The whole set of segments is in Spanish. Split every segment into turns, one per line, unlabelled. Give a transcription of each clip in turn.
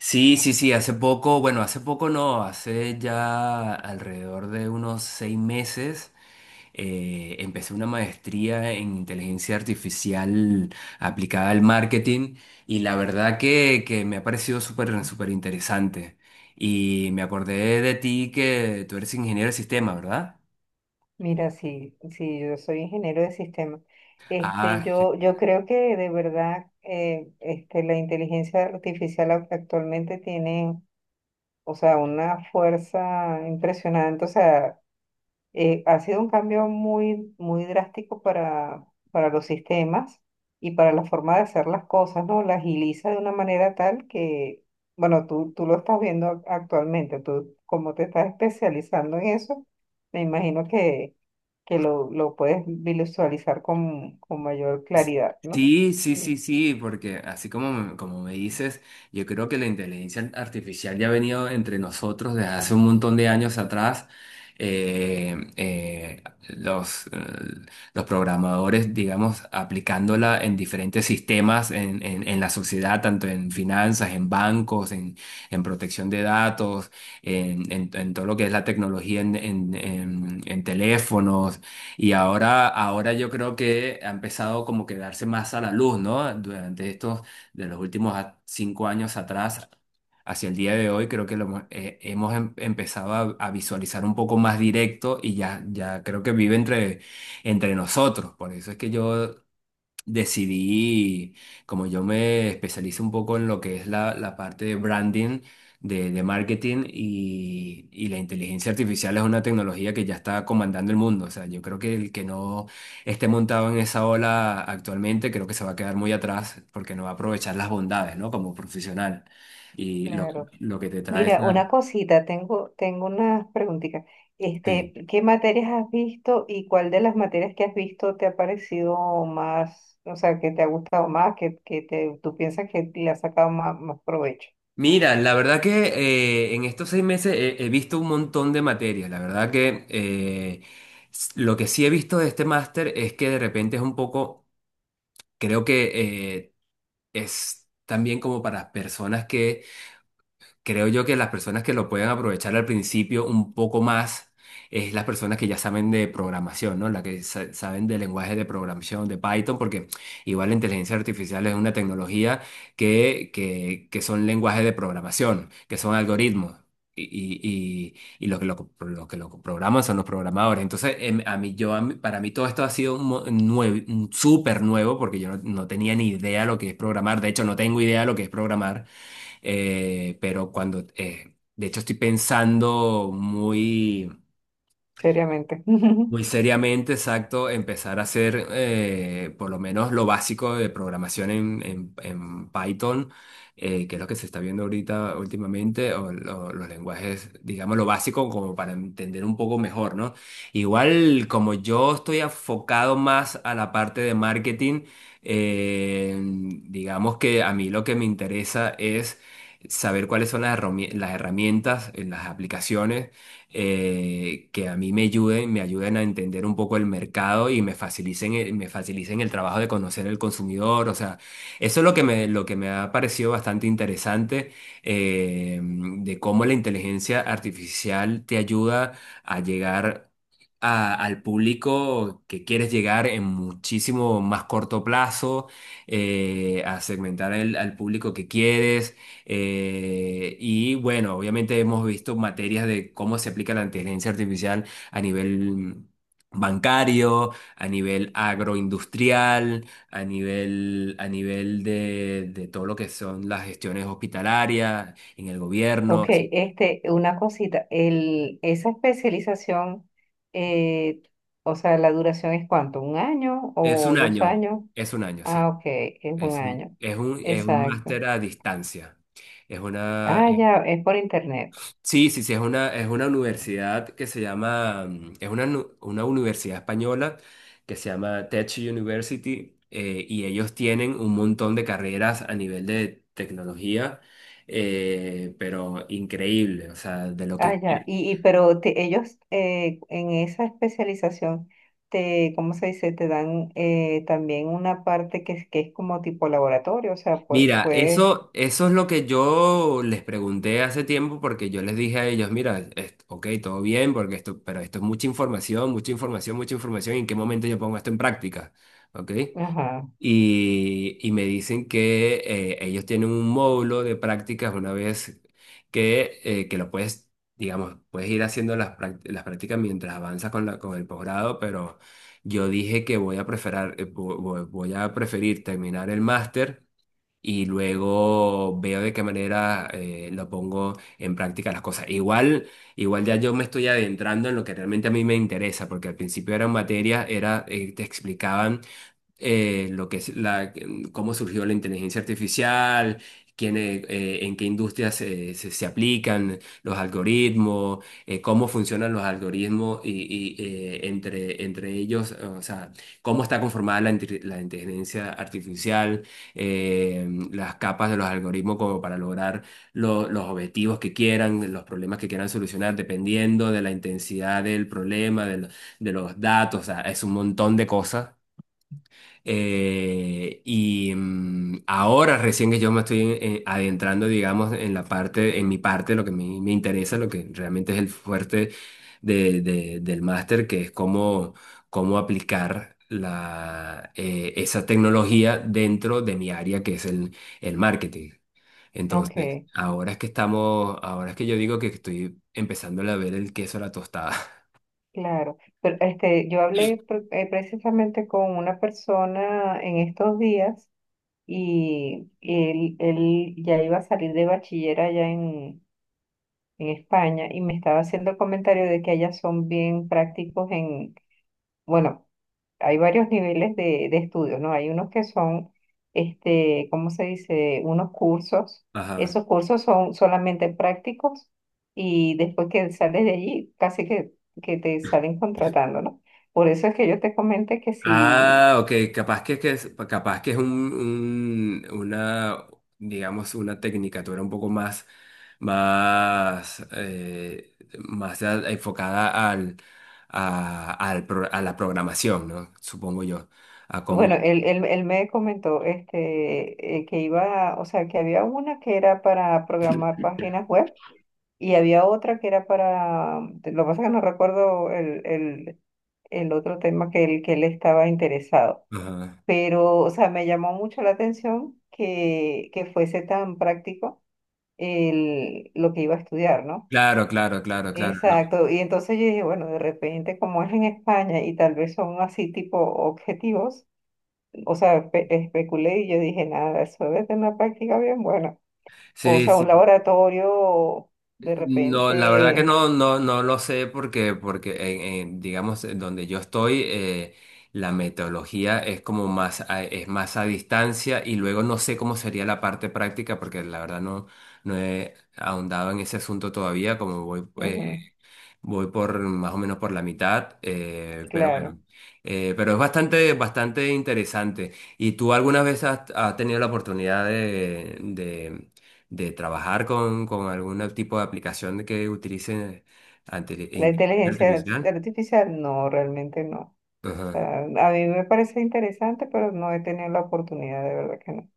Sí, sí, sí, hace poco, bueno, hace poco no, hace ya alrededor de unos 6 meses empecé una maestría en inteligencia artificial aplicada al marketing y la verdad que me ha parecido súper, súper interesante. Y me acordé de ti que tú eres ingeniero de sistema, ¿verdad?
Mira, sí, sí, yo soy ingeniero de sistemas.
Ah,
Yo creo que de verdad la inteligencia artificial actualmente tiene una fuerza impresionante. O sea, ha sido un cambio muy drástico para los sistemas y para la forma de hacer las cosas, ¿no? La agiliza de una manera tal que, bueno, tú lo estás viendo actualmente, tú como te estás especializando en eso, me imagino que lo puedes visualizar con mayor claridad, ¿no?
sí, sí, sí,
Sí,
sí, porque así como, como me dices, yo creo que la inteligencia artificial ya ha venido entre nosotros desde hace un montón de años atrás. Eh, eh, los, eh, los programadores, digamos, aplicándola en diferentes sistemas en, en la sociedad, tanto en finanzas, en bancos, en protección de datos, en, en todo lo que es la tecnología en teléfonos. Y ahora yo creo que ha empezado como que darse más a la luz, ¿no? Durante estos, de los últimos 5 años atrás, hacia el día de hoy, creo que hemos empezado a visualizar un poco más directo y ya creo que vive entre nosotros. Por eso es que yo decidí, como yo me especializo un poco en lo que es la parte de branding, de marketing y la inteligencia artificial es una tecnología que ya está comandando el mundo. O sea, yo creo que el que no esté montado en esa ola actualmente, creo que se va a quedar muy atrás porque no va a aprovechar las bondades, ¿no? Como profesional. Y lo,
claro.
lo que te trae
Mira,
esa...
una cosita, tengo unas preguntitas.
sí.
Este, ¿qué materias has visto y cuál de las materias que has visto te ha parecido más, o sea, que te ha gustado más, que te, tú piensas que le has sacado más, más provecho?
Mira, la verdad que en estos 6 meses he visto un montón de materias. La verdad que lo que sí he visto de este máster es que de repente es un poco, creo que eh, es también como para personas que creo yo que las personas que lo pueden aprovechar al principio un poco más es las personas que ya saben de programación, ¿no? Las que saben de lenguaje de programación, de Python, porque igual la inteligencia artificial es una tecnología que son lenguajes de programación, que son algoritmos. Y lo que lo programan son los programadores. Entonces, a mí, yo, a mí- para mí todo esto ha sido un súper nuevo porque yo no tenía ni idea lo que es programar. De hecho, no tengo idea lo que es programar. Pero cuando, de hecho, estoy pensando muy
Seriamente.
muy seriamente, exacto, empezar a hacer por lo menos lo básico de programación en, en Python, que es lo que se está viendo ahorita últimamente, o, los lenguajes, digamos, lo básico como para entender un poco mejor, ¿no? Igual como yo estoy enfocado más a la parte de marketing, eh, digamos que a mí lo que me interesa es saber cuáles son las las herramientas, las aplicaciones que a mí me ayuden a entender un poco el mercado y me facilicen, me facilicen el trabajo de conocer el consumidor. O sea, eso es lo que me ha parecido bastante interesante, de cómo la inteligencia artificial te ayuda a llegar al público que quieres llegar en muchísimo más corto plazo, a segmentar al público que quieres, y bueno, obviamente hemos visto materias de cómo se aplica la inteligencia artificial a nivel bancario, a nivel agroindustrial, a nivel de todo lo que son las gestiones hospitalarias, en el
Ok,
gobierno. Sí.
este, una cosita, el, esa especialización, eh, o sea, la duración es cuánto, ¿un año
Es
o
un
dos
año,
años?
es un año, sí.
Ah, ok, es un
Es un,
año.
es un, es un
Exacto.
máster a distancia. Es una,
Ah, ya, es por internet.
sí, sí, sí, es una universidad que se llama, es una, una universidad española que se llama Tech University, y ellos tienen un montón de carreras a nivel de tecnología, pero increíble, o sea, de lo
Ah,
que
ya.
quieran.
Y pero ellos en esa especialización te, ¿cómo se dice? Te dan también una parte que es como tipo laboratorio, o sea,
Mira,
puedes,
eso es lo que yo les pregunté hace tiempo porque yo les dije a ellos, mira, ok, todo bien, porque esto, pero esto es mucha información, mucha información, mucha información, y ¿en qué momento yo pongo esto en práctica? ¿Ok?
ajá,
Y me dicen que ellos tienen un módulo de prácticas una vez que lo puedes, digamos, puedes ir haciendo las prácticas mientras avanzas con el posgrado, pero yo dije que voy a preferir terminar el máster. Y luego veo de qué manera lo pongo en práctica las cosas. Igual ya yo me estoy adentrando en lo que realmente a mí me interesa, porque al principio eran materias, te explicaban lo que es la, cómo surgió la inteligencia artificial, en qué industrias se aplican los algoritmos, cómo funcionan los algoritmos y entre ellos, o sea, cómo está conformada la inteligencia artificial, las capas de los algoritmos como para lograr los objetivos que quieran, los problemas que quieran solucionar, dependiendo de la intensidad del problema, de los datos, o sea, es un montón de cosas y ahora recién que yo me estoy adentrando, digamos, en la parte, en mi parte, lo que me interesa, lo que realmente es el fuerte del máster, que es cómo, aplicar esa tecnología dentro de mi área, que es el marketing. Entonces,
ok,
ahora es que yo digo que estoy empezando a ver el queso a la tostada.
claro. Pero este, yo hablé precisamente con una persona en estos días y él ya iba a salir de bachiller allá en España y me estaba haciendo el comentario de que allá son bien prácticos en, bueno, hay varios niveles de estudios, ¿no? Hay unos que son, este, ¿cómo se dice? Unos cursos.
Ajá.
Esos cursos son solamente prácticos y después que sales de allí, casi que te salen contratando, ¿no? Por eso es que yo te comenté que si,
Ah, ok, capaz que es, capaz que es una, digamos, una tecnicatura un poco más, más, eh, más enfocada al, a, al pro- a la programación, ¿no? Supongo yo, a cómo...
bueno, él me comentó este, que iba, o sea, que había una que era para programar páginas web y había otra que era para, lo que pasa es que no recuerdo el otro tema que él estaba interesado.
ajá.
Pero, o sea, me llamó mucho la atención que fuese tan práctico el, lo que iba a estudiar, ¿no?
Claro, claro, claro, claro.
Exacto. Y entonces yo dije, bueno, de repente, como es en España y tal vez son así tipo objetivos, o sea, especulé y yo dije, nada, eso debe tener una práctica bien buena. O
Sí,
sea, un
sí.
laboratorio, de
No, la verdad que
repente,
no lo sé porque digamos, en donde yo estoy, la metodología es más a distancia y luego no sé cómo sería la parte práctica porque la verdad no he ahondado en ese asunto todavía. Como voy
ujú,
Voy por más o menos por la mitad, pero bueno,
claro.
pero es bastante, bastante interesante. ¿Y tú alguna vez has tenido la oportunidad de, de trabajar con algún tipo de aplicación que utilice
La
inteligencia
inteligencia
artificial?
artificial, no, realmente no. O
Ajá.
sea, a mí me parece interesante, pero no he tenido la oportunidad, de verdad que no.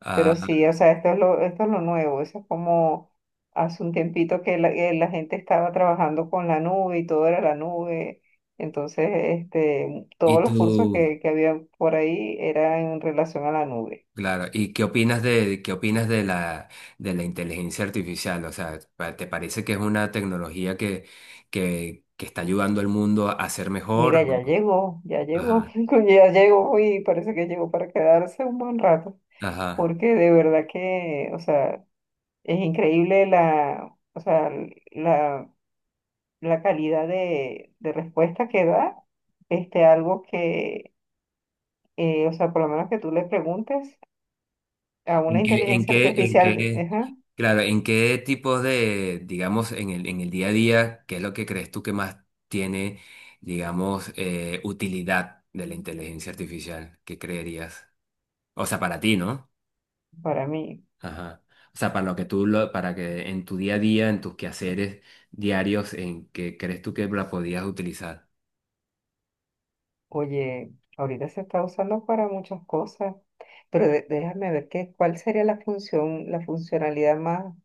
Ah,
Pero sí, o sea, esto es lo nuevo, eso es como hace un tiempito que la gente estaba trabajando con la nube y todo era la nube. Entonces, este,
y
todos los cursos
tú,
que había por ahí eran en relación a la nube.
claro, ¿y qué opinas de la inteligencia artificial? O sea, ¿te parece que es una tecnología que está ayudando al mundo a ser mejor?
Mira, ya llegó,
Ajá.
coño, ya llegó y parece que llegó para quedarse un buen rato,
Ajá.
porque de verdad que, o sea, es increíble la, o sea, la la calidad de respuesta que da, este, algo que, o sea, por lo menos que tú le preguntes a una
¿En qué,
inteligencia artificial, ajá,
claro, en qué tipos de, digamos, en el día a día, qué es lo que crees tú que más tiene, digamos, utilidad de la inteligencia artificial? ¿Qué creerías? O sea, para ti, ¿no?
para mí,
Ajá. O sea, para lo que tú, lo, para que en tu día a día, en tus quehaceres diarios, ¿en qué crees tú que la podías utilizar?
oye, ahorita se está usando para muchas cosas, pero déjame ver qué, cuál sería la función, la funcionalidad más,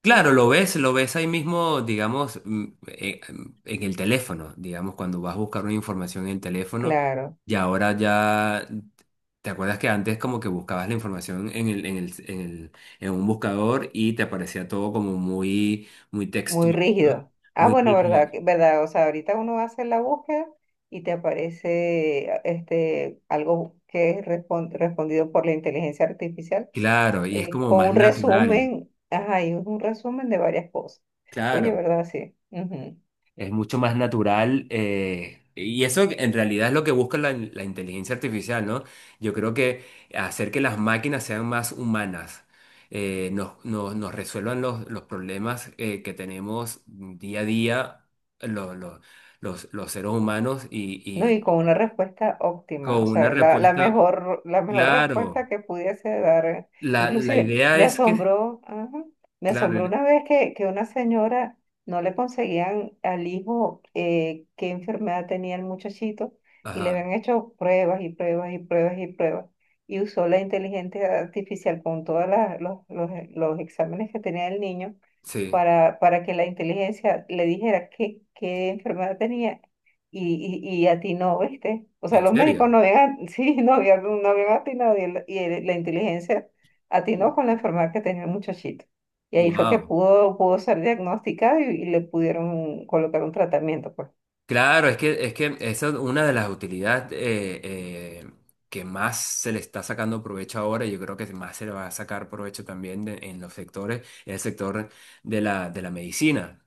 Claro, lo ves ahí mismo, digamos, en el teléfono, digamos, cuando vas a buscar una información en el teléfono
claro,
y ahora ya, ¿te acuerdas que antes como que buscabas la información en un buscador y te aparecía todo como muy, muy
muy
textual, ¿no?
rígido. Ah,
Muy
bueno, verdad,
rígido.
verdad, o sea, ahorita uno hace la búsqueda y te aparece este, algo que es respondido por la inteligencia artificial
Claro, y es como
con
más
un
natural,
resumen, ajá, y un resumen de varias cosas. Oye,
claro.
¿verdad? Sí. Ujú.
Es mucho más natural, y eso en realidad es lo que busca la inteligencia artificial, ¿no? Yo creo que hacer que las máquinas sean más humanas, nos resuelvan los problemas que tenemos día a día lo- lo- los seres humanos y,
No,
y
y con una respuesta óptima,
con
o
una
sea, la,
respuesta,
la mejor
claro,
respuesta que pudiese dar. Eh.
la
Inclusive,
idea
me
es que,
asombró, ajá, me
claro,
asombró una vez que una señora no le conseguían al hijo qué enfermedad tenía el muchachito y le
ajá,
habían hecho pruebas y pruebas y pruebas y pruebas y usó la inteligencia artificial con todos los, los exámenes que tenía el niño
sí,
para que la inteligencia le dijera qué, qué enfermedad tenía y atinó, ¿viste? O sea,
en
los médicos
serio,
no habían, sí, no habían, no habían atinado y, la inteligencia atinó con la enfermedad que tenía el muchachito. Y ahí fue que
wow.
pudo, pudo ser diagnosticado y le pudieron colocar un tratamiento, pues.
Claro, es que esa es una de las utilidades que más se le está sacando provecho ahora. Y yo creo que más se le va a sacar provecho también en el sector de la medicina.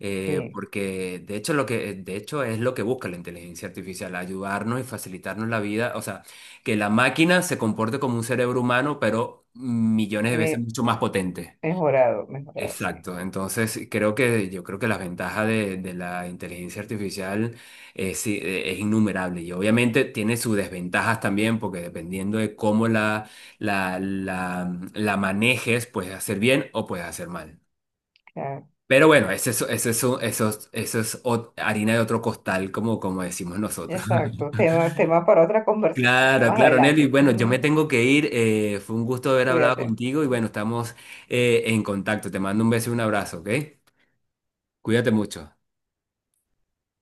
Sí,
Porque de hecho, de hecho es lo que busca la inteligencia artificial, ayudarnos y facilitarnos la vida. O sea, que la máquina se comporte como un cerebro humano, pero millones de veces
me,
mucho más potente.
mejorado, mejorado, sí.
Exacto, entonces creo que yo creo que la ventaja de la inteligencia artificial es, sí, es innumerable y obviamente tiene sus desventajas también porque dependiendo de cómo la, la manejes, puedes hacer bien o puedes hacer mal.
Claro.
Pero bueno, eso es harina de otro costal, como decimos nosotros.
Exacto, tema, tema para otra conversación,
Claro,
más
claro, Nelly.
adelante.
Bueno, yo me tengo que ir. Fue un gusto haber hablado
Cuídate.
contigo y bueno, estamos en contacto. Te mando un beso y un abrazo, ¿ok? Cuídate mucho.